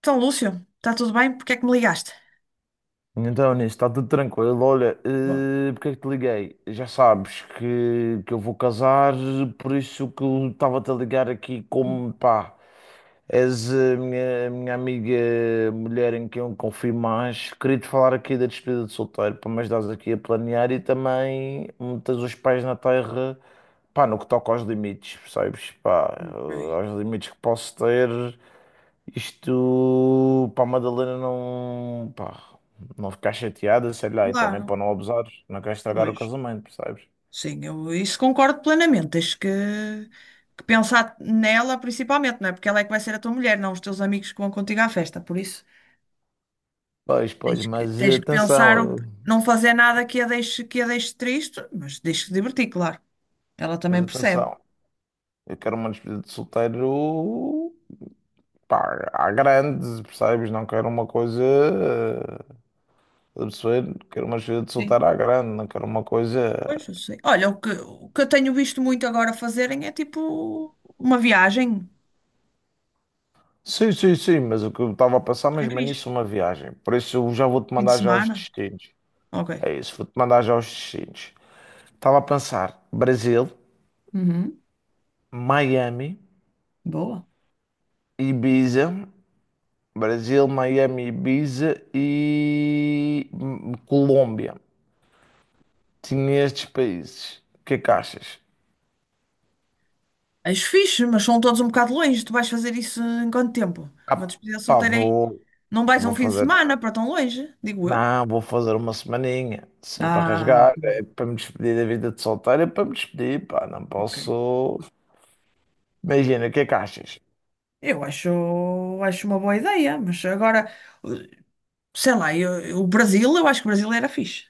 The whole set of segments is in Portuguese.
Então, Lúcio, está tudo bem? Porque é que me ligaste? Então, nisso, está tudo tranquilo. Olha, Bom, porque é que te liguei? Já sabes que eu vou casar, por isso que eu estava-te a ligar aqui como, pá, és a minha amiga mulher em quem eu confio mais. Queria-te falar aqui da despedida de solteiro, para me ajudares aqui a planear e também meteres os pés na terra, pá, no que toca aos limites, percebes? Pá, ok, aos limites que posso ter. Isto para a Madalena não, pá, não ficar chateada, sei lá, e também para claro, não abusares, não queres estragar o pois. casamento, percebes? Sim, eu isso concordo plenamente. Que pensar nela principalmente, não é? Porque ela é que vai ser a tua mulher, não os teus amigos que vão contigo à festa. Por isso, Pois, pois, mas tens que pensar, atenção, eh, não fazer nada que a deixe, que a deixe triste, mas deixe-te divertir, claro. Ela mas também percebe. atenção, eu quero uma despedida de solteiro, pá, à grande, percebes? Não quero uma coisa, absurda, quero uma despedida de Sim. solteiro à grande, não quero uma coisa. Pois, eu sei. Olha, o que eu tenho visto muito agora fazerem é tipo uma viagem, Sim, sim, sim, mas o que eu estava a pensar porque é mesmo é fixe. nisso, uma viagem, por isso eu já vou-te Fim de mandar já os semana. destinos. Ok. É isso, vou-te mandar já os destinos. Estava a pensar, Brasil, Uhum. Miami, Boa. Ibiza, Brasil, Miami, Ibiza e Colômbia. Tinha estes países. O que é que achas? És fixe, mas são todos um bocado longe. Tu vais fazer isso em quanto tempo? Uma Ah, despedida pá, solteira aí. vou, Não vais a vou um fim de fazer. semana para tão longe, digo eu. Não, vou fazer uma semaninha, sempre a Ah, rasgar, ok. é para me despedir da vida de solteiro, é para me despedir, pá, não Ok. posso. Imagina, o que é que achas? Eu acho, acho uma boa ideia, mas agora, sei lá, o Brasil, eu acho que o Brasil era fixe.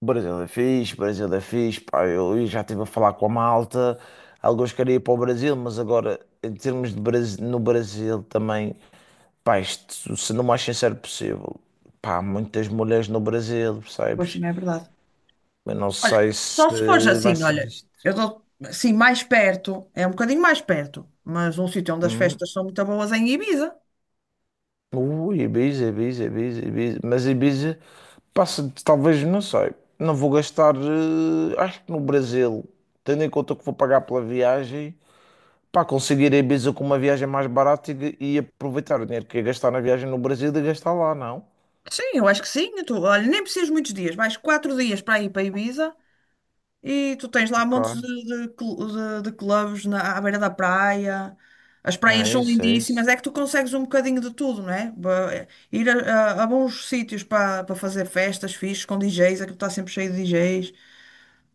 Brasil é fixe, Brasil é fixe. Pá, eu já estive a falar com a malta. Alguns queriam ir para o Brasil, mas agora, em termos de Brasil, no Brasil também, pá, isto, se não mais sincero possível, pá, muitas mulheres no Brasil, Pois percebes? também é verdade. Eu não sei se Só se fores vai assim, ser olha, visto. eu dou assim mais perto, é um bocadinho mais perto, mas um sítio onde as Hum? festas são muito boas é em Ibiza. Ui, Ibiza, Ibiza, Ibiza, Ibiza. Mas Ibiza passa, talvez, não sei. Não vou gastar, acho que no Brasil, tendo em conta que vou pagar pela viagem. Pá, conseguir a Ibiza com uma viagem mais barata e aproveitar o dinheiro que ia gastar na viagem no Brasil e gastar lá, não? Sim, eu acho que sim. Tu, olha, nem precisas muitos dias, mais 4 dias para ir para Ibiza. E tu tens lá Ok. montes de clubes na, à beira da praia. As praias É são isso, é lindíssimas, isso. é que tu consegues um bocadinho de tudo, não é? Ir a bons sítios para fazer festas fixes com DJs, aquilo está sempre cheio de DJs.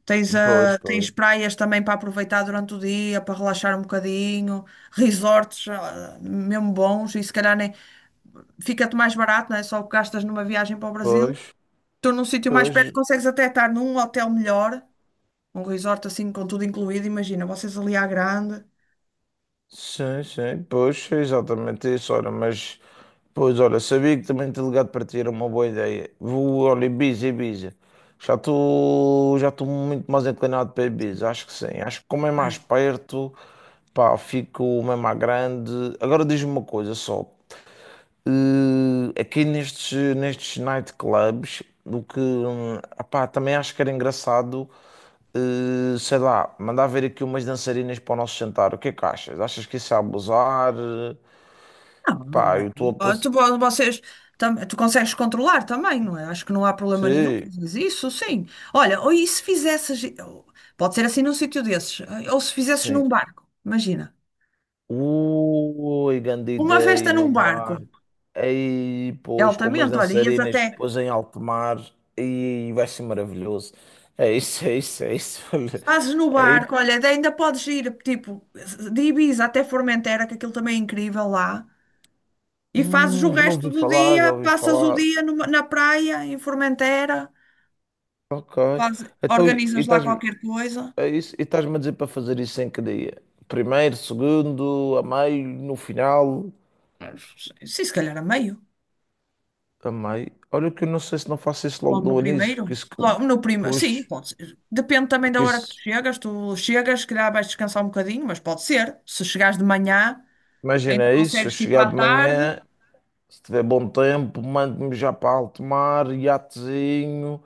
Pois, pois, Tens praias também para aproveitar durante o dia, para relaxar um bocadinho, resorts, mesmo bons, e se calhar nem fica-te mais barato, não é? Só o que gastas numa viagem para o Brasil. pois, Tu num sítio mais perto pois, consegues até estar num hotel melhor, um resort assim com tudo incluído, imagina, vocês ali à grande. sim, sim, pois, é exatamente isso, ora, mas, pois, olha, sabia que também te ligado para ti era uma boa ideia. Vou, olha, Ibiza, Ibiza, já estou muito mais inclinado para Ibiza, acho que sim, acho que como é mais perto, pá, fico mesmo à grande. Agora diz-me uma coisa só, aqui nestes nightclubs, do que, epá, também acho que era engraçado, sei lá, mandar ver aqui umas dançarinas para o nosso jantar. O que é que achas? Achas que isso é abusar? Não, não Pá, é. eu estou a Ah, passar. Vocês, tu consegues controlar também, não é? Acho que não há problema nenhum. Sim, Mas isso, sim. Olha, ou e se fizesses, pode ser assim num sítio desses, ou se fizesses num sim. barco, imagina. Ui, grande Uma ideia festa num num barco, barco. Aí, é pois, com umas altamente, olha, ias dançarinas, até, depois em alto mar. E vai ser maravilhoso. É isso, é isso, é isso. Olha, fazes no é barco, olha, ainda podes ir, tipo, de Ibiza até Formentera, que aquilo também é incrível lá. E fazes o já resto ouvi do falar, dia, já ouvi passas o falar. dia na praia, em Formentera, Ok. faz- Então, organizas lá qualquer coisa. E estás-me a dizer para fazer isso em que dia? Primeiro, segundo, a meio, no final, Sim, se calhar a meio, a meio. Olha que eu não sei se não faço isso logo logo no do início, primeiro. porque isso, Logo no primeiro, sim, pois, pode ser. Depende também da porque hora que tu isso, chegas. Tu chegas, se calhar vais descansar um bocadinho, mas pode ser. Se chegares de manhã, ainda imagina isso, se eu consegues ir chegar para a de tarde. manhã, se tiver bom tempo, mando-me já para alto mar, iatezinho,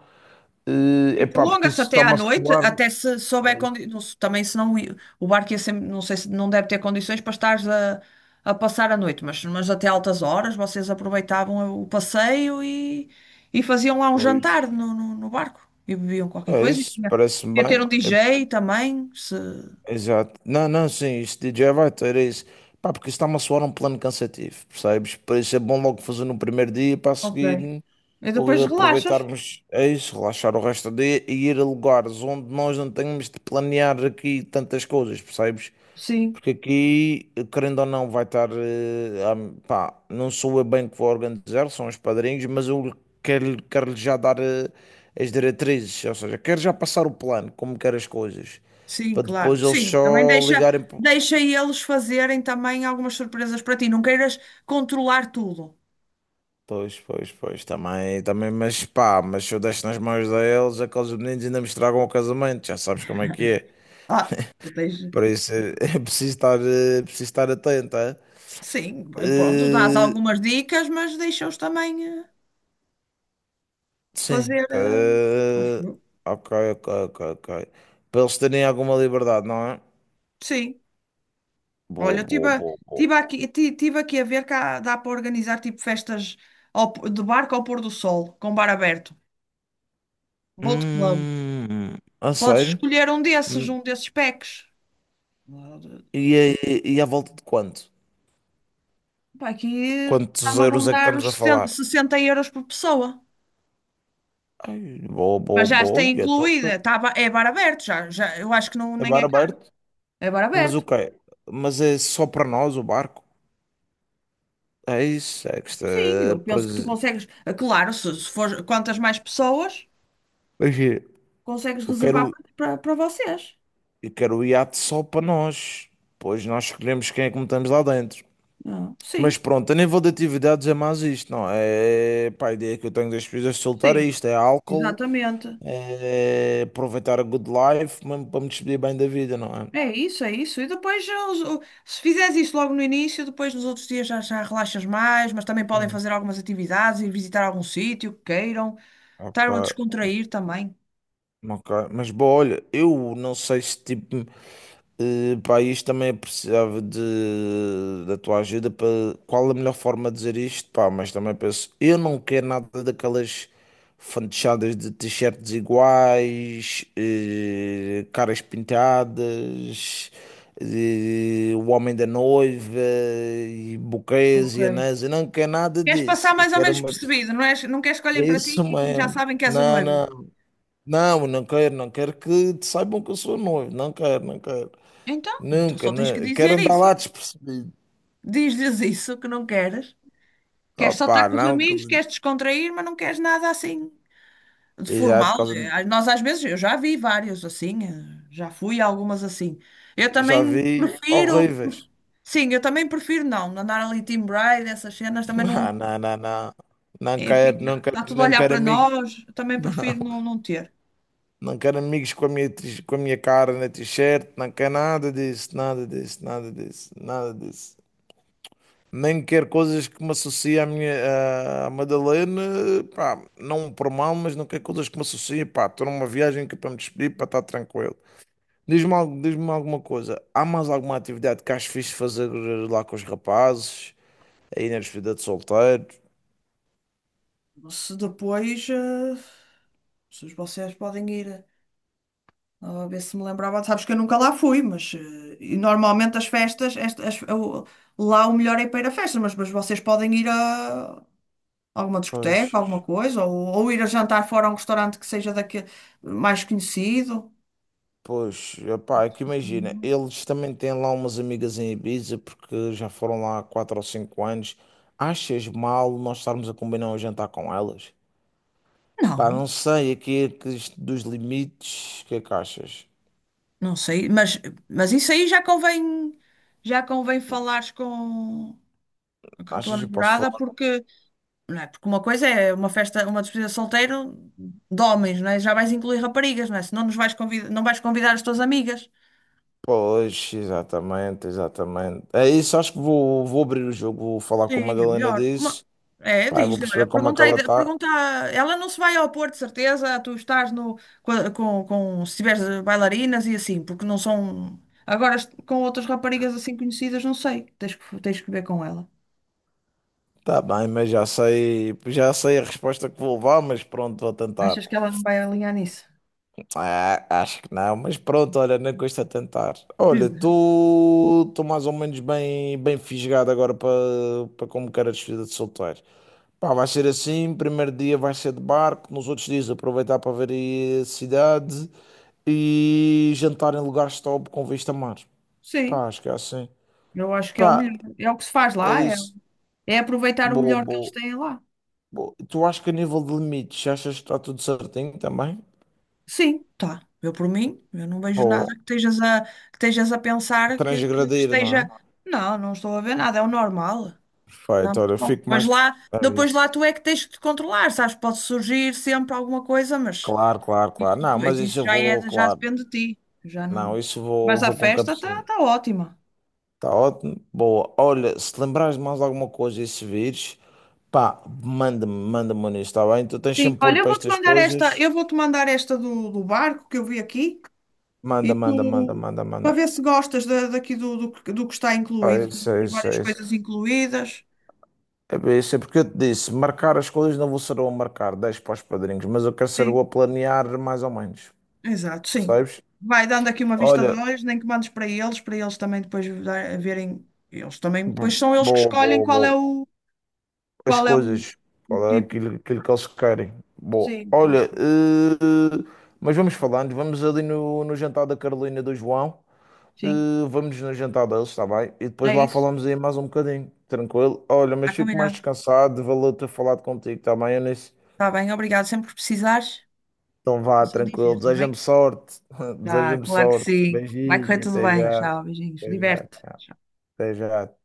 E epá, porque prolonga-se isso até à está-me a noite, soar. até se souber É isso. condições. Também se não, o barco ia sempre, não sei se não deve ter condições para estar a passar a noite, mas até altas horas vocês aproveitavam o passeio e faziam lá um jantar Pois, no barco e bebiam qualquer é coisa. E isso, tinha, parece-me podia ter bem. um DJ também, se. Exato. Não, não, sim, isto de DJ vai ter isso. Pá, porque isso está-me a soar um plano cansativo, percebes? Por isso é bom logo fazer no primeiro dia para a Ok. seguir E depois relaxas. aproveitarmos é isso, relaxar o resto do dia e ir a lugares onde nós não temos de planear aqui tantas coisas, percebes? Sim, Porque aqui, querendo ou não, vai estar. Pá, não sou eu bem que vou organizar, são os padrinhos, mas eu quero já dar as diretrizes, ou seja, quero já passar o plano, como quero as coisas sim, para claro. depois eles Sim, também só deixa, ligarem. Deixa eles fazerem também algumas surpresas para ti. Não queiras controlar tudo. Pois, pois, pois, também, também, mas pá, mas se eu deixo nas mãos deles, aqueles meninos ainda me estragam o casamento, já sabes como é que é. Ah, tu tens. Por isso é, preciso estar atento, é? Sim, pois pronto, dás Eh, algumas dicas, mas deixa-os também sim, fazer. pá, Acho eu. ok, ok, ok, ok. Para eles terem alguma liberdade, não é? Sim, Boa, olha, boa, boa, boa. tive aqui, tive aqui a ver que dá para organizar tipo festas de barco ao pôr do sol, com bar aberto, boat club. Hum, a Podes sério? escolher Hum, um desses packs. Ah, E, e à volta de quanto? pá, aqui Quantos está-me a euros é que rondar estamos os a 60, falar? 60 euros por pessoa. Ai, boa, boa, Mas já boa. está Ui, Então, incluída, tá, é bar aberto, já, já, eu acho que não, é nem bar é caro, aberto? é bar Mas o aberto. quê? Mas é só para nós o barco? É isso, é que está. Sim, eu penso que tu Pois, consegues. Claro, se for quantas mais pessoas, pois é, consegues eu quero, reservar para vocês. eu quero o iate só para nós. Pois nós escolhemos quem é que metemos lá dentro. Ah, Mas sim, pronto, a nível de atividades é mais isto, não é? É, pá, a ideia que eu tenho das pesquisas de soltar é sim, isto: é álcool, exatamente. é aproveitar a good life, mesmo para me despedir bem da vida, não é? É isso, é isso. E depois, ah, se fizeres isso logo no início, depois nos outros dias já, já relaxas mais, mas também podem Não. fazer algumas atividades, ir visitar algum sítio que queiram, estar Ok, a descontrair também. ok. Mas, bom, olha, eu não sei se tipo. Pá, isto também eu precisava da tua ajuda para qual a melhor forma de dizer isto, pá, mas também penso, eu não quero nada daquelas fantochadas de t-shirts iguais, caras pintadas, o homem da noiva, e buquês Ok. e anéis, eu não quero nada Queres disso, passar eu mais ou quero menos uma, percebido, não és, não queres que é olhem para ti isso e já mesmo, sabem que és o não, noivo. não, não, não quero, não quero que te saibam que eu sou noivo, não quero, não quero. Então Nunca, só tens que quero dizer andar isso. lá despercebido. Diz-lhes isso que não queres. Queres só Opa, estar com os não, amigos, queres descontrair, mas não queres nada assim de e já, de formal. causa, Nós às vezes, eu já vi vários assim, já fui a algumas assim. Eu já também vi prefiro, horríveis. sim, eu também prefiro não, andar ali team bride, essas cenas também não. Não, não, não, não. Não É, quero, não fica, quero, está tudo a não olhar quero para amigos. nós, eu também Não, prefiro não, não ter. não quero amigos com com a minha cara na t-shirt. Não quero nada disso, nada disso, nada disso, nada disso. Nem quero coisas que me associem à Madalena. Pá, não por mal, mas não quero coisas que me associem. Pá, estou numa viagem que é para me despedir, para estar tranquilo. Diz-me alguma coisa. Há mais alguma atividade que acho fixe de fazer lá com os rapazes? Aí na despedida de solteiro? Se depois, se vocês podem ir. A ver se me lembrava. Sabes que eu nunca lá fui, mas e normalmente as festas, lá o melhor é ir para ir a festas, mas vocês podem ir a alguma Pois, discoteca, alguma coisa, ou ir a jantar fora a um restaurante que seja daqui, mais conhecido. pois, epá, é que imagina, Uhum. eles também têm lá umas amigas em Ibiza porque já foram lá há 4 ou 5 anos. Achas mal nós estarmos a combinar um jantar com elas? Pá, Não, não sei, aqui é que isto dos limites, o que é que achas? não sei, mas isso aí já convém falares com a tua Achas que eu posso namorada, falar? porque não é? Porque uma coisa é uma festa, uma despedida de solteiro de homens, não é? Já vais incluir raparigas, não é? Senão nos vais convidar, não vais convidar as tuas amigas. Pois, exatamente, exatamente. É isso, acho que vou abrir o jogo, vou falar Sim, com a é Madalena melhor. Uma- disso. É, Pá, eu vou diz-lhe, olha, perceber como é que pergunta, ela está. pergunta, ela não se vai ao Porto, de certeza, tu estás no, com se tiveres bailarinas e assim, porque não são, com outras raparigas assim conhecidas, não sei, tens que ver com ela. Tá bem, mas já sei a resposta que vou levar, mas pronto, vou tentar. Achas que ela não vai alinhar nisso? Ah, acho que não, mas pronto, olha, nem custa tentar. Olha, Diz. tu estou mais ou menos bem, bem fisgado agora para como quero a despedida de solteiro. Pá, vai ser assim, primeiro dia vai ser de barco, nos outros dias aproveitar para ver aí a cidade e jantar em lugares top com vista a mar. Sim, Pá, acho que é assim. eu acho que é o Pá, melhor, é o que se faz é lá, é, isso. é aproveitar o Boa, melhor que eles boa. têm lá. Bom, tu acho que a nível de limites, achas que está tudo certinho também? Sim, tá. Eu por mim, eu não vejo nada Ou que estejas a, que estejas a pensar que transgredir, não esteja. é? Não, não estou a ver nada, é o normal. Tá Perfeito, muito olha, eu bom. fico mais. É Depois isso. lá tu é que tens que te controlar, sabes? Pode surgir sempre alguma coisa, mas Claro, claro, isso, claro. Não, mas isso isso eu já vou, é, já claro. depende de ti. Já Não, não. isso eu vou, Mas a vou com festa está tá cabecinho. tá ótima. Está ótimo. Boa. Olha, se te lembrares de mais alguma coisa e se vires, pá, manda-me nisso, está bem? Tu tens Sim, sempre olho olha, eu para vou-te estas mandar esta, coisas. eu vou-te mandar esta do barco que eu vi aqui Manda, e manda, manda, tu manda, manda. para ver se gostas daqui que do que está É incluído. Tenho isso, é aqui isso, várias é isso. coisas incluídas. É bem, isso é porque eu te disse, marcar as coisas não vou ser eu a marcar 10 para os padrinhos, mas eu quero ser eu Sim, a planear mais ou menos, exato, sim. percebes? Vai dando aqui uma vista de Olha, olhos, nem que mandes para eles também depois verem. Eles também, depois são eles que boa, escolhem boa, boa, as qual é o, coisas, o qual é tipo. aquilo, aquilo que eles querem? Boa, Sim, que eles, olha, mas vamos falando, vamos ali no jantar da Carolina e do João, sim, eh, vamos no jantar deles, está bem? E depois é lá isso. falamos aí mais um bocadinho, tranquilo? Olha, mas Está fico mais combinado. descansado, valeu ter falado contigo, está bem? Eu nem. Está bem, obrigado. Sempre que precisares, Então é vá, só tranquilo. dizer, está Deseja-me bem? sorte. Tá, Deseja-me claro que sorte. sim. Vai correr Beijinho. tudo Até bem. já. Tchau, beijinhos. Até já. Diverte. Tchau. Até já.